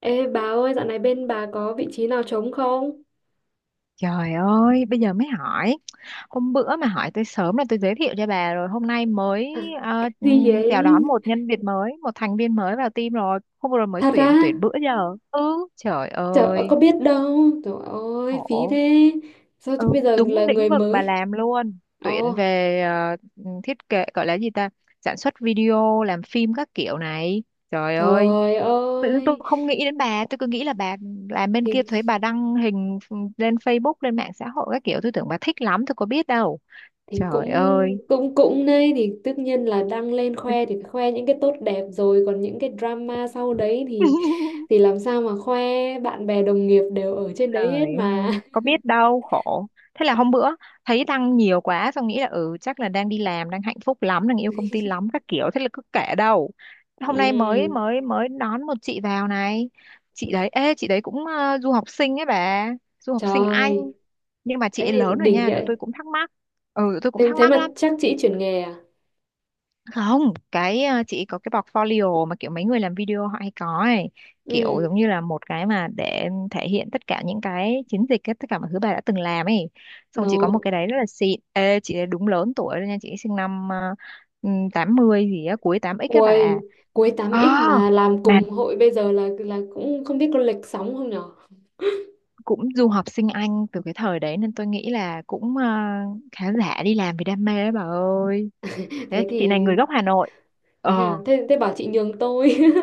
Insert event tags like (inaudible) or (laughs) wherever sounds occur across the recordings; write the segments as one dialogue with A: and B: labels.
A: Ê bà ơi, dạo này bên bà có vị trí nào trống không?
B: Trời ơi, bây giờ mới hỏi. Hôm bữa mà hỏi tôi sớm là tôi giới thiệu cho bà rồi. Hôm nay mới
A: (laughs) Gì
B: chào
A: vậy?
B: đón một nhân viên mới, một thành viên mới vào team rồi. Hôm vừa rồi mới
A: Thật á?
B: tuyển bữa giờ. Ừ, trời
A: Trời ơi,
B: ơi,
A: có biết đâu. Trời ơi, phí
B: khổ.
A: thế. Sao
B: Ừ,
A: chứ bây giờ
B: đúng
A: là
B: lĩnh
A: người
B: vực bà
A: mới?
B: làm luôn tuyển
A: Ồ,
B: về thiết kế gọi là gì ta, sản xuất video làm phim các kiểu này. Trời ơi,
A: trời
B: tự nhiên tôi
A: ơi.
B: không nghĩ đến bà, tôi cứ nghĩ là bà làm bên
A: Thì
B: kia, thấy bà đăng hình lên Facebook, lên mạng xã hội các kiểu, tôi tưởng bà thích lắm, tôi có biết đâu.
A: thì
B: Trời
A: cũng
B: ơi.
A: cũng cũng đây thì tất nhiên là đăng lên khoe thì phải khoe những cái tốt đẹp rồi, còn những cái drama sau đấy thì
B: (laughs)
A: thì làm sao mà khoe, bạn bè đồng nghiệp đều ở trên
B: Trời
A: đấy hết mà.
B: ơi, có biết đâu, khổ. Thế là hôm bữa thấy đăng nhiều quá, xong nghĩ là ừ chắc là đang đi làm, đang hạnh phúc lắm, đang yêu công ty
A: (laughs)
B: lắm các kiểu, thế là cứ kể đâu. Hôm nay mới
A: Ừ,
B: mới mới đón một chị vào này. Chị đấy, ê chị đấy cũng du học sinh ấy bà, du học sinh Anh,
A: trời.
B: nhưng mà chị ấy
A: Ê,
B: lớn rồi
A: đỉnh
B: nha, tụi
A: vậy.
B: tôi cũng thắc mắc. Ừ, tụi tôi cũng
A: Em
B: thắc
A: thế
B: mắc
A: mà
B: lắm.
A: chắc chị
B: Chị
A: chuyển nghề à?
B: không, chị có cái portfolio mà kiểu mấy người làm video họ hay có ấy, kiểu
A: Ừ.
B: giống như là một cái mà để thể hiện tất cả những cái chiến dịch ấy, tất cả mọi thứ bà đã từng làm ấy, xong chị có một cái
A: Nó…
B: đấy rất là xịn. Ê, chị đúng lớn tuổi rồi nha, chị sinh năm 80 gì á, cuối tám x các
A: Ui,
B: bà.
A: cuối tám
B: Ờ,
A: x mà làm
B: mà
A: cùng hội bây giờ là cũng không biết có lệch sóng không nhở?
B: cũng du học sinh Anh từ cái thời đấy nên tôi nghĩ là cũng khá giả, đi làm vì đam mê đấy bà ơi. Thế
A: Thế
B: chị này
A: thì
B: người gốc Hà Nội.
A: thế hả?
B: Ờ.
A: Thế thế bảo chị nhường tôi. (laughs)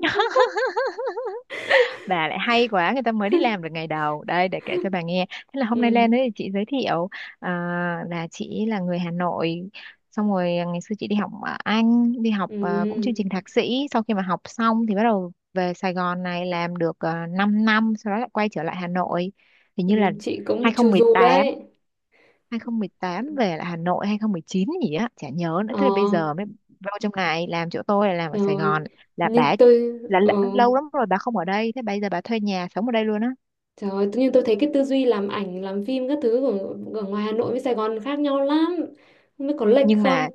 B: (laughs) Bà lại hay quá, người ta mới đi làm được ngày đầu đây để kể cho bà nghe. Thế là hôm nay
A: Ừ.
B: lên đấy thì chị giới thiệu à, là chị là người Hà Nội, xong rồi à, ngày xưa chị đi học ở Anh, đi học à, cũng chương
A: Ừ.
B: trình thạc sĩ. Sau khi mà học xong thì bắt đầu về Sài Gòn này làm được 5 năm, sau đó lại quay trở lại Hà Nội, hình như là
A: Ừ, chị
B: hai
A: cũng
B: không
A: chu
B: một
A: du
B: tám,
A: đấy.
B: 2018 về lại Hà Nội, 2019 gì á chả nhớ nữa, thế là bây
A: Ờ,
B: giờ mới vô trong này làm, chỗ tôi là làm ở Sài
A: rồi.
B: Gòn. Là bà
A: Nhưng tôi
B: là lâu lắm rồi bà không ở đây, thế bây giờ bà thuê nhà sống ở đây luôn á?
A: trời ơi, tự nhiên tôi thấy cái tư duy làm ảnh, làm phim các thứ của ở ngoài Hà Nội với Sài Gòn khác nhau lắm. Không biết có lệch
B: nhưng mà
A: không?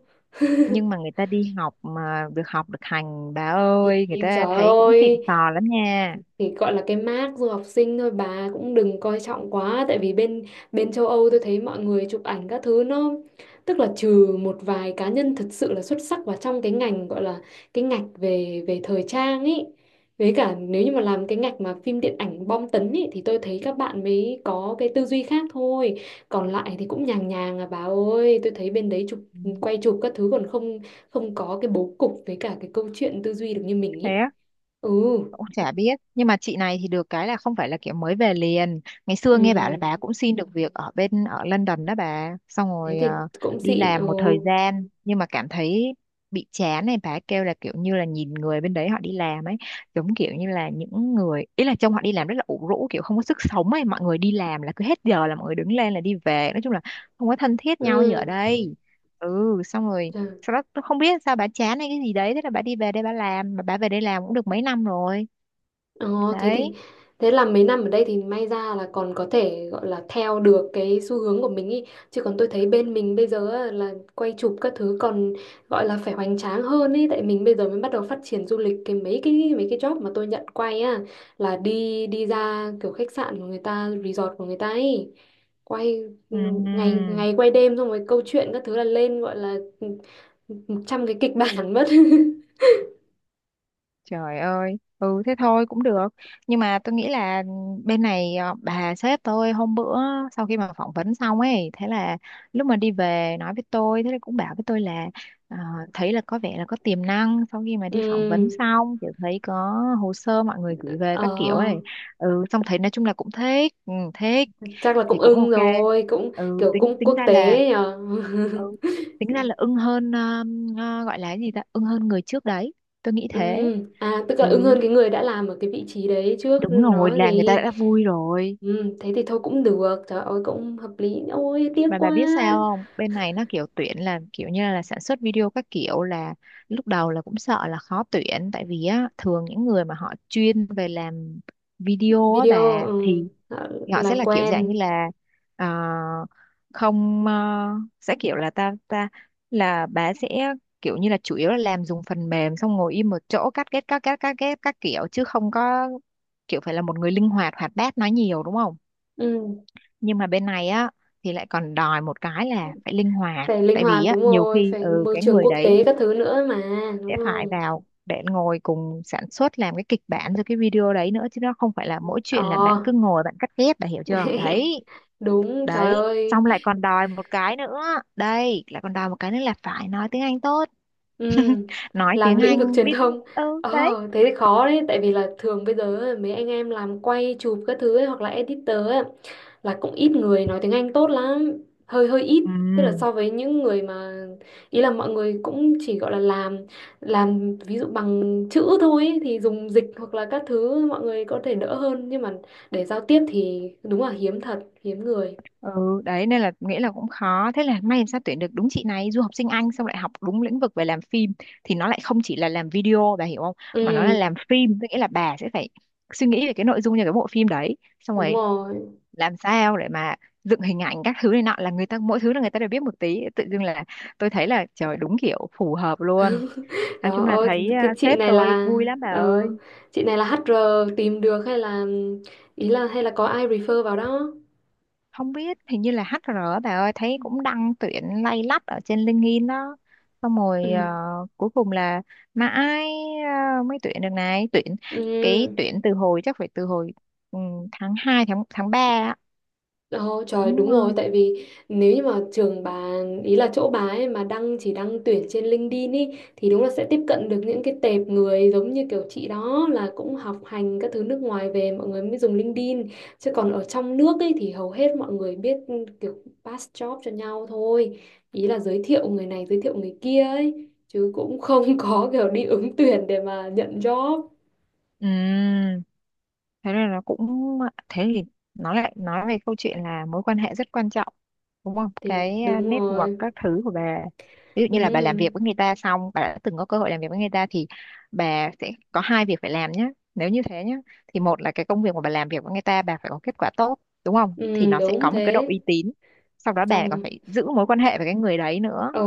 B: nhưng mà người ta đi học mà được học được hành bà ơi, người
A: Ý,
B: ta
A: trời
B: thấy cũng xịn
A: ơi,
B: sò lắm nha.
A: thì gọi là cái mác du học sinh thôi, bà cũng đừng coi trọng quá, tại vì bên bên châu Âu tôi thấy mọi người chụp ảnh các thứ nó, tức là trừ một vài cá nhân thật sự là xuất sắc vào trong cái ngành, gọi là cái ngạch về về thời trang ấy, với cả nếu như mà làm cái ngạch mà phim điện ảnh bom tấn ấy thì tôi thấy các bạn mới có cái tư duy khác thôi, còn lại thì cũng nhàng nhàng à bà ơi. Tôi thấy bên đấy chụp
B: Ừ,
A: quay chụp các thứ còn không không có cái bố cục với cả cái câu chuyện tư duy được như mình
B: thế
A: ý.
B: á.
A: Ừ.
B: Cũng chả biết, nhưng mà chị này thì được cái là không phải là kiểu mới về liền, ngày xưa nghe bảo là
A: Ừ,
B: bà cũng xin được việc ở bên ở London đó bà, xong
A: thế
B: rồi
A: thì cũng
B: đi
A: xịn. Ừ.
B: làm một thời gian nhưng mà cảm thấy bị chán này, bà kêu là kiểu như là nhìn người bên đấy họ đi làm ấy, giống kiểu như là những người ý là trông họ đi làm rất là ủ rũ, kiểu không có sức sống ấy, mọi người đi làm là cứ hết giờ là mọi người đứng lên là đi về, nói chung là không có thân thiết
A: Ừ.
B: nhau như ở đây. Ừ, xong rồi
A: Chà.
B: sau đó tôi không biết sao bà chán hay cái gì đấy, thế là bà đi về đây bà làm, mà bà về đây làm cũng được mấy năm rồi
A: ờ, Thế thì
B: đấy.
A: thế là mấy năm ở đây thì may ra là còn có thể gọi là theo được cái xu hướng của mình ý, chứ còn tôi thấy bên mình bây giờ á, là quay chụp các thứ còn gọi là phải hoành tráng hơn ý, tại mình bây giờ mới bắt đầu phát triển du lịch. Cái mấy cái job mà tôi nhận quay á là đi đi ra kiểu khách sạn của người ta, resort của người ta ấy, quay ừ, ngày
B: Ừm,
A: ngày quay đêm, xong rồi câu chuyện các thứ là lên, gọi là 100 cái kịch bản mất. (laughs)
B: Trời ơi, ừ thế thôi cũng được. Nhưng mà tôi nghĩ là bên này bà sếp tôi hôm bữa sau khi mà phỏng vấn xong ấy, thế là lúc mà đi về nói với tôi, thế là cũng bảo với tôi là ờ, thấy là có vẻ là có tiềm năng, sau khi mà đi phỏng vấn
A: Ừ,
B: xong, kiểu thấy có hồ sơ mọi người gửi về các kiểu
A: ờ,
B: ấy. Ừ, xong thấy nói chung là cũng thích, ừ, thích
A: chắc là
B: thì
A: cũng
B: cũng
A: ưng
B: ok.
A: rồi, cũng
B: Ừ,
A: kiểu
B: tính
A: cũng
B: tính
A: quốc
B: ra là,
A: tế nhờ.
B: ừ,
A: (laughs)
B: tính ra là ưng hơn gọi là cái gì ta, ưng hơn người trước đấy. Tôi nghĩ
A: Ừ,
B: thế.
A: à tức là
B: Ừ,
A: ưng hơn cái người đã làm ở cái vị trí đấy trước
B: đúng rồi,
A: đó
B: là người ta
A: gì.
B: đã vui rồi.
A: Ừ, thế thì thôi cũng được, trời ơi cũng hợp lý. Ôi tiếc
B: Mà bà
A: quá.
B: biết sao không? Bên này nó kiểu tuyển là kiểu như là sản xuất video các kiểu, là lúc đầu là cũng sợ là khó tuyển, tại vì á thường những người mà họ chuyên về làm video á
A: Video
B: bà,
A: ừ,
B: thì
A: ờ,
B: họ sẽ
A: làm
B: là kiểu dạng như
A: quen.
B: là ờ, không ờ, sẽ kiểu là ta ta là bà sẽ kiểu như là chủ yếu là làm dùng phần mềm xong ngồi im một chỗ cắt ghép các kiểu, chứ không có kiểu phải là một người linh hoạt hoạt bát nói nhiều, đúng không?
A: Ừ,
B: Nhưng mà bên này á thì lại còn đòi một cái là phải linh hoạt,
A: phải linh
B: tại vì
A: hoạt
B: á
A: đúng
B: nhiều
A: rồi,
B: khi
A: phải
B: ừ
A: môi
B: cái
A: trường
B: người
A: quốc
B: đấy
A: tế các thứ nữa mà, đúng
B: sẽ phải
A: không?
B: vào để ngồi cùng sản xuất làm cái kịch bản rồi cái video đấy nữa, chứ nó không phải là mỗi chuyện là bạn
A: Ờ.
B: cứ ngồi bạn cắt ghép, là hiểu chưa
A: (laughs)
B: đấy.
A: Đúng, trời
B: Đấy
A: ơi.
B: xong lại còn đòi một cái nữa, đây lại còn đòi một cái nữa là phải nói tiếng Anh tốt,
A: Ừ,
B: nói
A: làm
B: tiếng
A: lĩnh vực
B: Anh
A: truyền
B: biết.
A: thông.
B: Ừ đấy.
A: Thế thì khó đấy, tại vì là thường bây giờ mấy anh em làm quay chụp các thứ ấy, hoặc là editor ấy, là cũng ít người nói tiếng Anh tốt lắm, hơi hơi ít, tức là
B: Ừ.
A: so với những người mà, ý là mọi người cũng chỉ gọi là làm ví dụ bằng chữ thôi ấy, thì dùng dịch hoặc là các thứ mọi người có thể đỡ hơn, nhưng mà để giao tiếp thì đúng là hiếm, thật hiếm người.
B: Ừ, đấy nên là nghĩa là cũng khó. Thế là may làm sao tuyển được đúng chị này du học sinh Anh, xong lại học đúng lĩnh vực về làm phim, thì nó lại không chỉ là làm video bà hiểu không, mà nó là
A: Ừ
B: làm phim, tức nghĩa là bà sẽ phải suy nghĩ về cái nội dung cho cái bộ phim đấy, xong
A: đúng
B: rồi
A: rồi.
B: làm sao để mà dựng hình ảnh các thứ này nọ, là người ta mỗi thứ là người ta đều biết một tí, tự dưng là tôi thấy là trời đúng kiểu phù hợp luôn.
A: (laughs)
B: Nói
A: Trời
B: chung là
A: ơi,
B: thấy
A: cái
B: à,
A: chị
B: sếp
A: này
B: tôi
A: là
B: vui lắm bà
A: ờ,
B: ơi.
A: chị này là hát HR tìm được, hay là ý là hay là có ai refer vào đó?
B: Không biết hình như là HR á bà ơi, thấy cũng đăng tuyển lay lắt ở trên LinkedIn đó, xong rồi
A: Ừ.
B: cuối cùng là mà ai mới tuyển được này, tuyển cái
A: Ừ.
B: tuyển từ hồi chắc phải từ hồi, ừ, tháng 2 tháng tháng 3 á.
A: Ồ, trời đúng
B: cũng ờ,
A: rồi, tại vì nếu như mà trường bà, ý là chỗ bà ấy mà đăng, chỉ đăng tuyển trên LinkedIn ý, thì đúng là sẽ tiếp cận được những cái tệp người giống như kiểu chị đó, là cũng học hành các thứ nước ngoài về, mọi người mới dùng LinkedIn. Chứ còn ở trong nước ấy thì hầu hết mọi người biết kiểu pass job cho nhau thôi, ý là giới thiệu người này giới thiệu người kia ấy, chứ cũng không (laughs) có kiểu đi ứng tuyển để mà nhận job.
B: ừ thế nên nó cũng, thế thì nó lại nói về câu chuyện là mối quan hệ rất quan trọng, đúng không,
A: Thì
B: cái à,
A: đúng
B: network
A: rồi.
B: các thứ của bà. Ví dụ như là bà làm
A: Đúng.
B: việc với người ta, xong bà đã từng có cơ hội làm việc với người ta, thì bà sẽ có hai việc phải làm nhé nếu như thế nhé, thì một là cái công việc mà bà làm việc với người ta bà phải có kết quả tốt, đúng không, thì
A: Ừ,
B: nó sẽ
A: đúng
B: có một cái độ
A: thế.
B: uy tín. Sau đó bà còn
A: Xong.
B: phải giữ mối quan hệ với cái người đấy nữa.
A: Ờ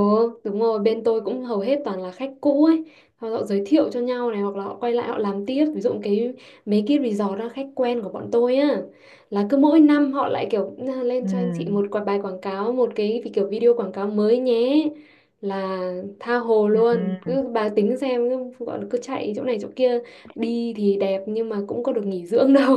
A: đúng rồi, bên tôi cũng hầu hết toàn là khách cũ ấy, họ giới thiệu cho nhau này, hoặc là họ quay lại họ làm tiếp. Ví dụ cái mấy cái resort đó khách quen của bọn tôi á, là cứ mỗi năm họ lại kiểu "Na, lên cho anh chị
B: Ừ.
A: một quả bài quảng cáo, một cái vì kiểu video quảng cáo mới nhé", là tha hồ luôn,
B: Ừ,
A: cứ bà tính xem, cứ, gọi là cứ chạy chỗ này chỗ kia. Đi thì đẹp nhưng mà cũng có được nghỉ dưỡng đâu.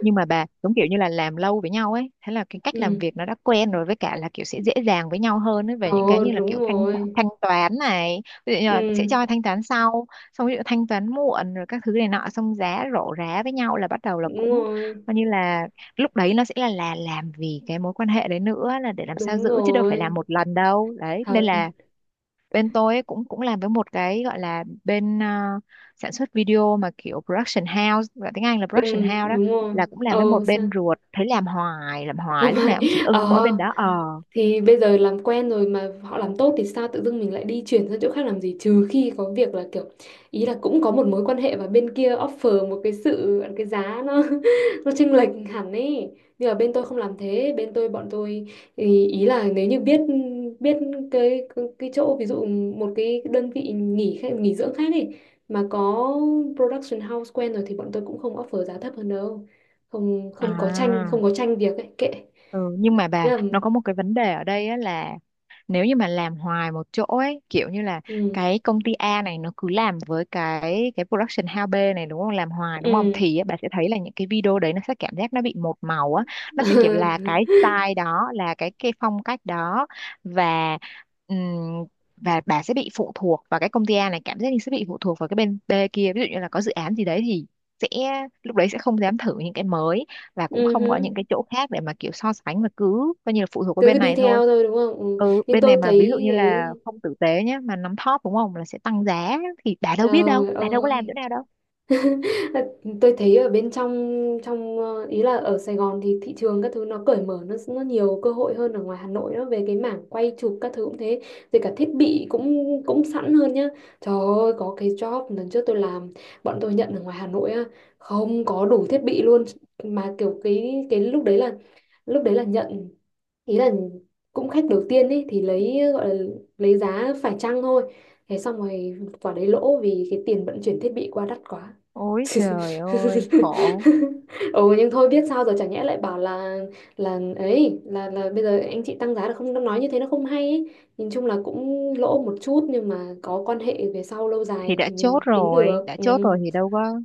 B: nhưng mà bà giống kiểu như là làm lâu với nhau ấy, thế là cái
A: (laughs)
B: cách làm
A: Ừ.
B: việc nó đã quen rồi, với cả là kiểu sẽ dễ dàng với nhau hơn ấy về những cái
A: Ồ
B: như là
A: đúng
B: kiểu thanh
A: rồi.
B: thanh toán này, ví dụ như là sẽ
A: Ừ
B: cho thanh toán sau, xong ví dụ thanh toán muộn rồi các thứ này nọ, xong giá rổ rá với nhau là bắt đầu là
A: đúng
B: cũng
A: rồi.
B: coi như là, lúc đấy nó sẽ là làm vì cái mối quan hệ đấy nữa, là để làm sao
A: Đúng
B: giữ chứ đâu phải làm
A: rồi,
B: một lần đâu, đấy nên
A: thật.
B: là bên tôi ấy cũng cũng làm với một cái gọi là bên sản xuất video mà kiểu production house, gọi tiếng Anh là
A: Ừ
B: production house đó,
A: đúng rồi.
B: là cũng làm với
A: Ờ
B: một
A: sao.
B: bên ruột, thấy làm hoài làm
A: (laughs) Làm
B: hoài lúc
A: hại.
B: nào cũng chỉ ưng mỗi bên
A: Ờ
B: đó. Ờ.
A: thì bây giờ làm quen rồi mà họ làm tốt thì sao tự dưng mình lại đi chuyển sang chỗ khác làm gì, trừ khi có việc là kiểu, ý là cũng có một mối quan hệ và bên kia offer một cái sự, cái giá nó (laughs) nó chênh lệch hẳn ấy. Nhưng mà bên tôi không làm thế, bên tôi bọn tôi ý là nếu như biết biết cái cái chỗ ví dụ một cái đơn vị nghỉ dưỡng khác ấy, mà có production house quen rồi, thì bọn tôi cũng không offer giá thấp hơn đâu. Không, không có tranh
B: À.
A: không có tranh việc ấy, kệ.
B: Ừ, nhưng mà
A: Thế
B: bà
A: là,
B: nó có một cái vấn đề ở đây á, là nếu như mà làm hoài một chỗ ấy kiểu như là
A: ừ.
B: cái công ty A này nó cứ làm với cái production house B này đúng không, làm hoài đúng không,
A: Ừ.
B: thì á, bà sẽ thấy là những cái video đấy nó sẽ cảm giác nó bị một màu á, nó sẽ kiểu là
A: (laughs)
B: cái style đó, là cái phong cách đó. Và, ừm, và bà sẽ bị phụ thuộc vào cái công ty A này, cảm giác như sẽ bị phụ thuộc vào cái bên B kia, ví dụ như là có dự án gì đấy thì sẽ, lúc đấy sẽ không dám thử những cái mới, và cũng
A: Ừ
B: không có những
A: hứ.
B: cái chỗ khác để mà kiểu so sánh, mà cứ coi như là phụ thuộc vào
A: Cứ
B: bên
A: đi
B: này thôi.
A: theo thôi đúng không. Ừ.
B: Ừ,
A: Nhưng
B: bên này
A: tôi
B: mà ví dụ như
A: thấy
B: là
A: ấy,
B: không tử tế nhé mà nắm thóp đúng không là sẽ tăng giá, thì đã đâu biết đâu,
A: trời
B: đã đâu có làm chỗ
A: ơi.
B: nào đâu.
A: (laughs) Tôi thấy ở bên trong, ý là ở Sài Gòn thì thị trường các thứ nó cởi mở, nó nhiều cơ hội hơn ở ngoài Hà Nội đó, về cái mảng quay chụp các thứ cũng thế, rồi cả thiết bị cũng cũng sẵn hơn nhá. Trời ơi, có cái job lần trước tôi làm, bọn tôi nhận ở ngoài Hà Nội á, không có đủ thiết bị luôn, mà kiểu cái lúc đấy là, lúc đấy là nhận, ý là cũng khách đầu tiên ấy thì lấy, gọi là lấy giá phải chăng thôi, thế xong rồi quả đấy lỗ vì cái tiền vận chuyển thiết bị qua đắt quá.
B: Ôi
A: (laughs)
B: trời ơi khổ.
A: Ồ nhưng thôi biết sao rồi, chả nhẽ lại bảo là ấy là bây giờ anh chị tăng giá được không, nó nói như thế nó không hay ấy. Nhìn chung là cũng lỗ một chút, nhưng mà có quan hệ về sau lâu
B: thì
A: dài
B: đã
A: thì
B: chốt
A: mình tính
B: rồi
A: được.
B: đã
A: Ừ,
B: chốt rồi thì đâu có,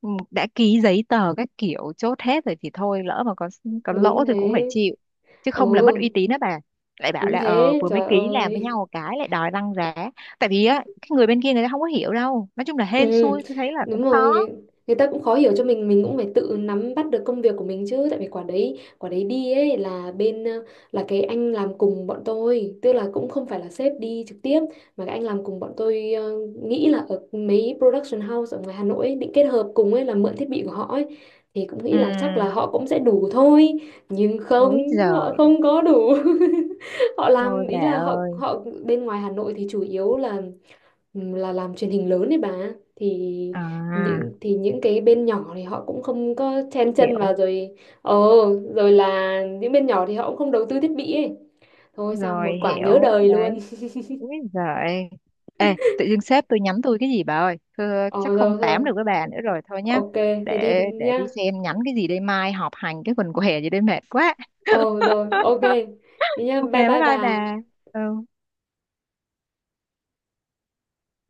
B: ừ, đã ký giấy tờ các kiểu chốt hết rồi thì thôi, lỡ mà có
A: đúng
B: lỗ
A: thế.
B: thì cũng phải chịu, chứ
A: Ừ
B: không là mất uy tín đó bà. Lại bảo
A: đúng
B: là ờ
A: thế,
B: vừa mới
A: trời
B: ký làm với nhau
A: ơi.
B: một cái lại đòi tăng giá. Tại vì á cái người bên kia người ta không có hiểu đâu, nói chung là hên
A: Ừ,
B: xui, tôi thấy là
A: đúng
B: cũng
A: rồi. người,
B: khó.
A: người ta cũng khó hiểu cho mình cũng phải tự nắm bắt được công việc của mình chứ, tại vì quả đấy, đi ấy là bên ờ, là cái anh làm cùng bọn tôi, tức là cũng không phải là sếp đi trực tiếp, mà cái anh làm cùng bọn tôi nghĩ là ở mấy production house ở ngoài Hà Nội ấy, định kết hợp cùng ấy, là mượn thiết bị của họ ấy, thì cũng
B: Ừ.
A: nghĩ là chắc là họ cũng sẽ đủ thôi, nhưng
B: Ối
A: không, họ
B: giời.
A: không có đủ. (laughs) Họ
B: Thôi
A: làm,
B: bà
A: ý là họ
B: ơi.
A: họ bên ngoài Hà Nội thì chủ yếu là làm truyền hình lớn đấy bà, thì
B: À,
A: những, cái bên nhỏ thì họ cũng không có chen chân
B: hiểu
A: vào rồi. Ờ rồi, là những bên nhỏ thì họ cũng không đầu tư thiết bị ấy, thôi xong
B: rồi
A: một quả nhớ
B: hiểu
A: đời
B: đấy
A: luôn.
B: Úi giời. Ê, tự dưng sếp tôi nhắn tôi cái gì bà ơi.
A: (laughs)
B: Thưa,
A: Ờ
B: chắc không
A: rồi
B: tám
A: thôi,
B: được với bà nữa rồi, thôi nhá.
A: ok. Thì đi,
B: Để
A: nhá.
B: đi xem nhắn cái gì đây, mai họp hành cái quần què gì đây, mệt quá.
A: Ờ rồi, ok.
B: (laughs)
A: Đi nhá,
B: Ok,
A: bye
B: bye
A: bye
B: bye
A: bà.
B: bà. Ừ.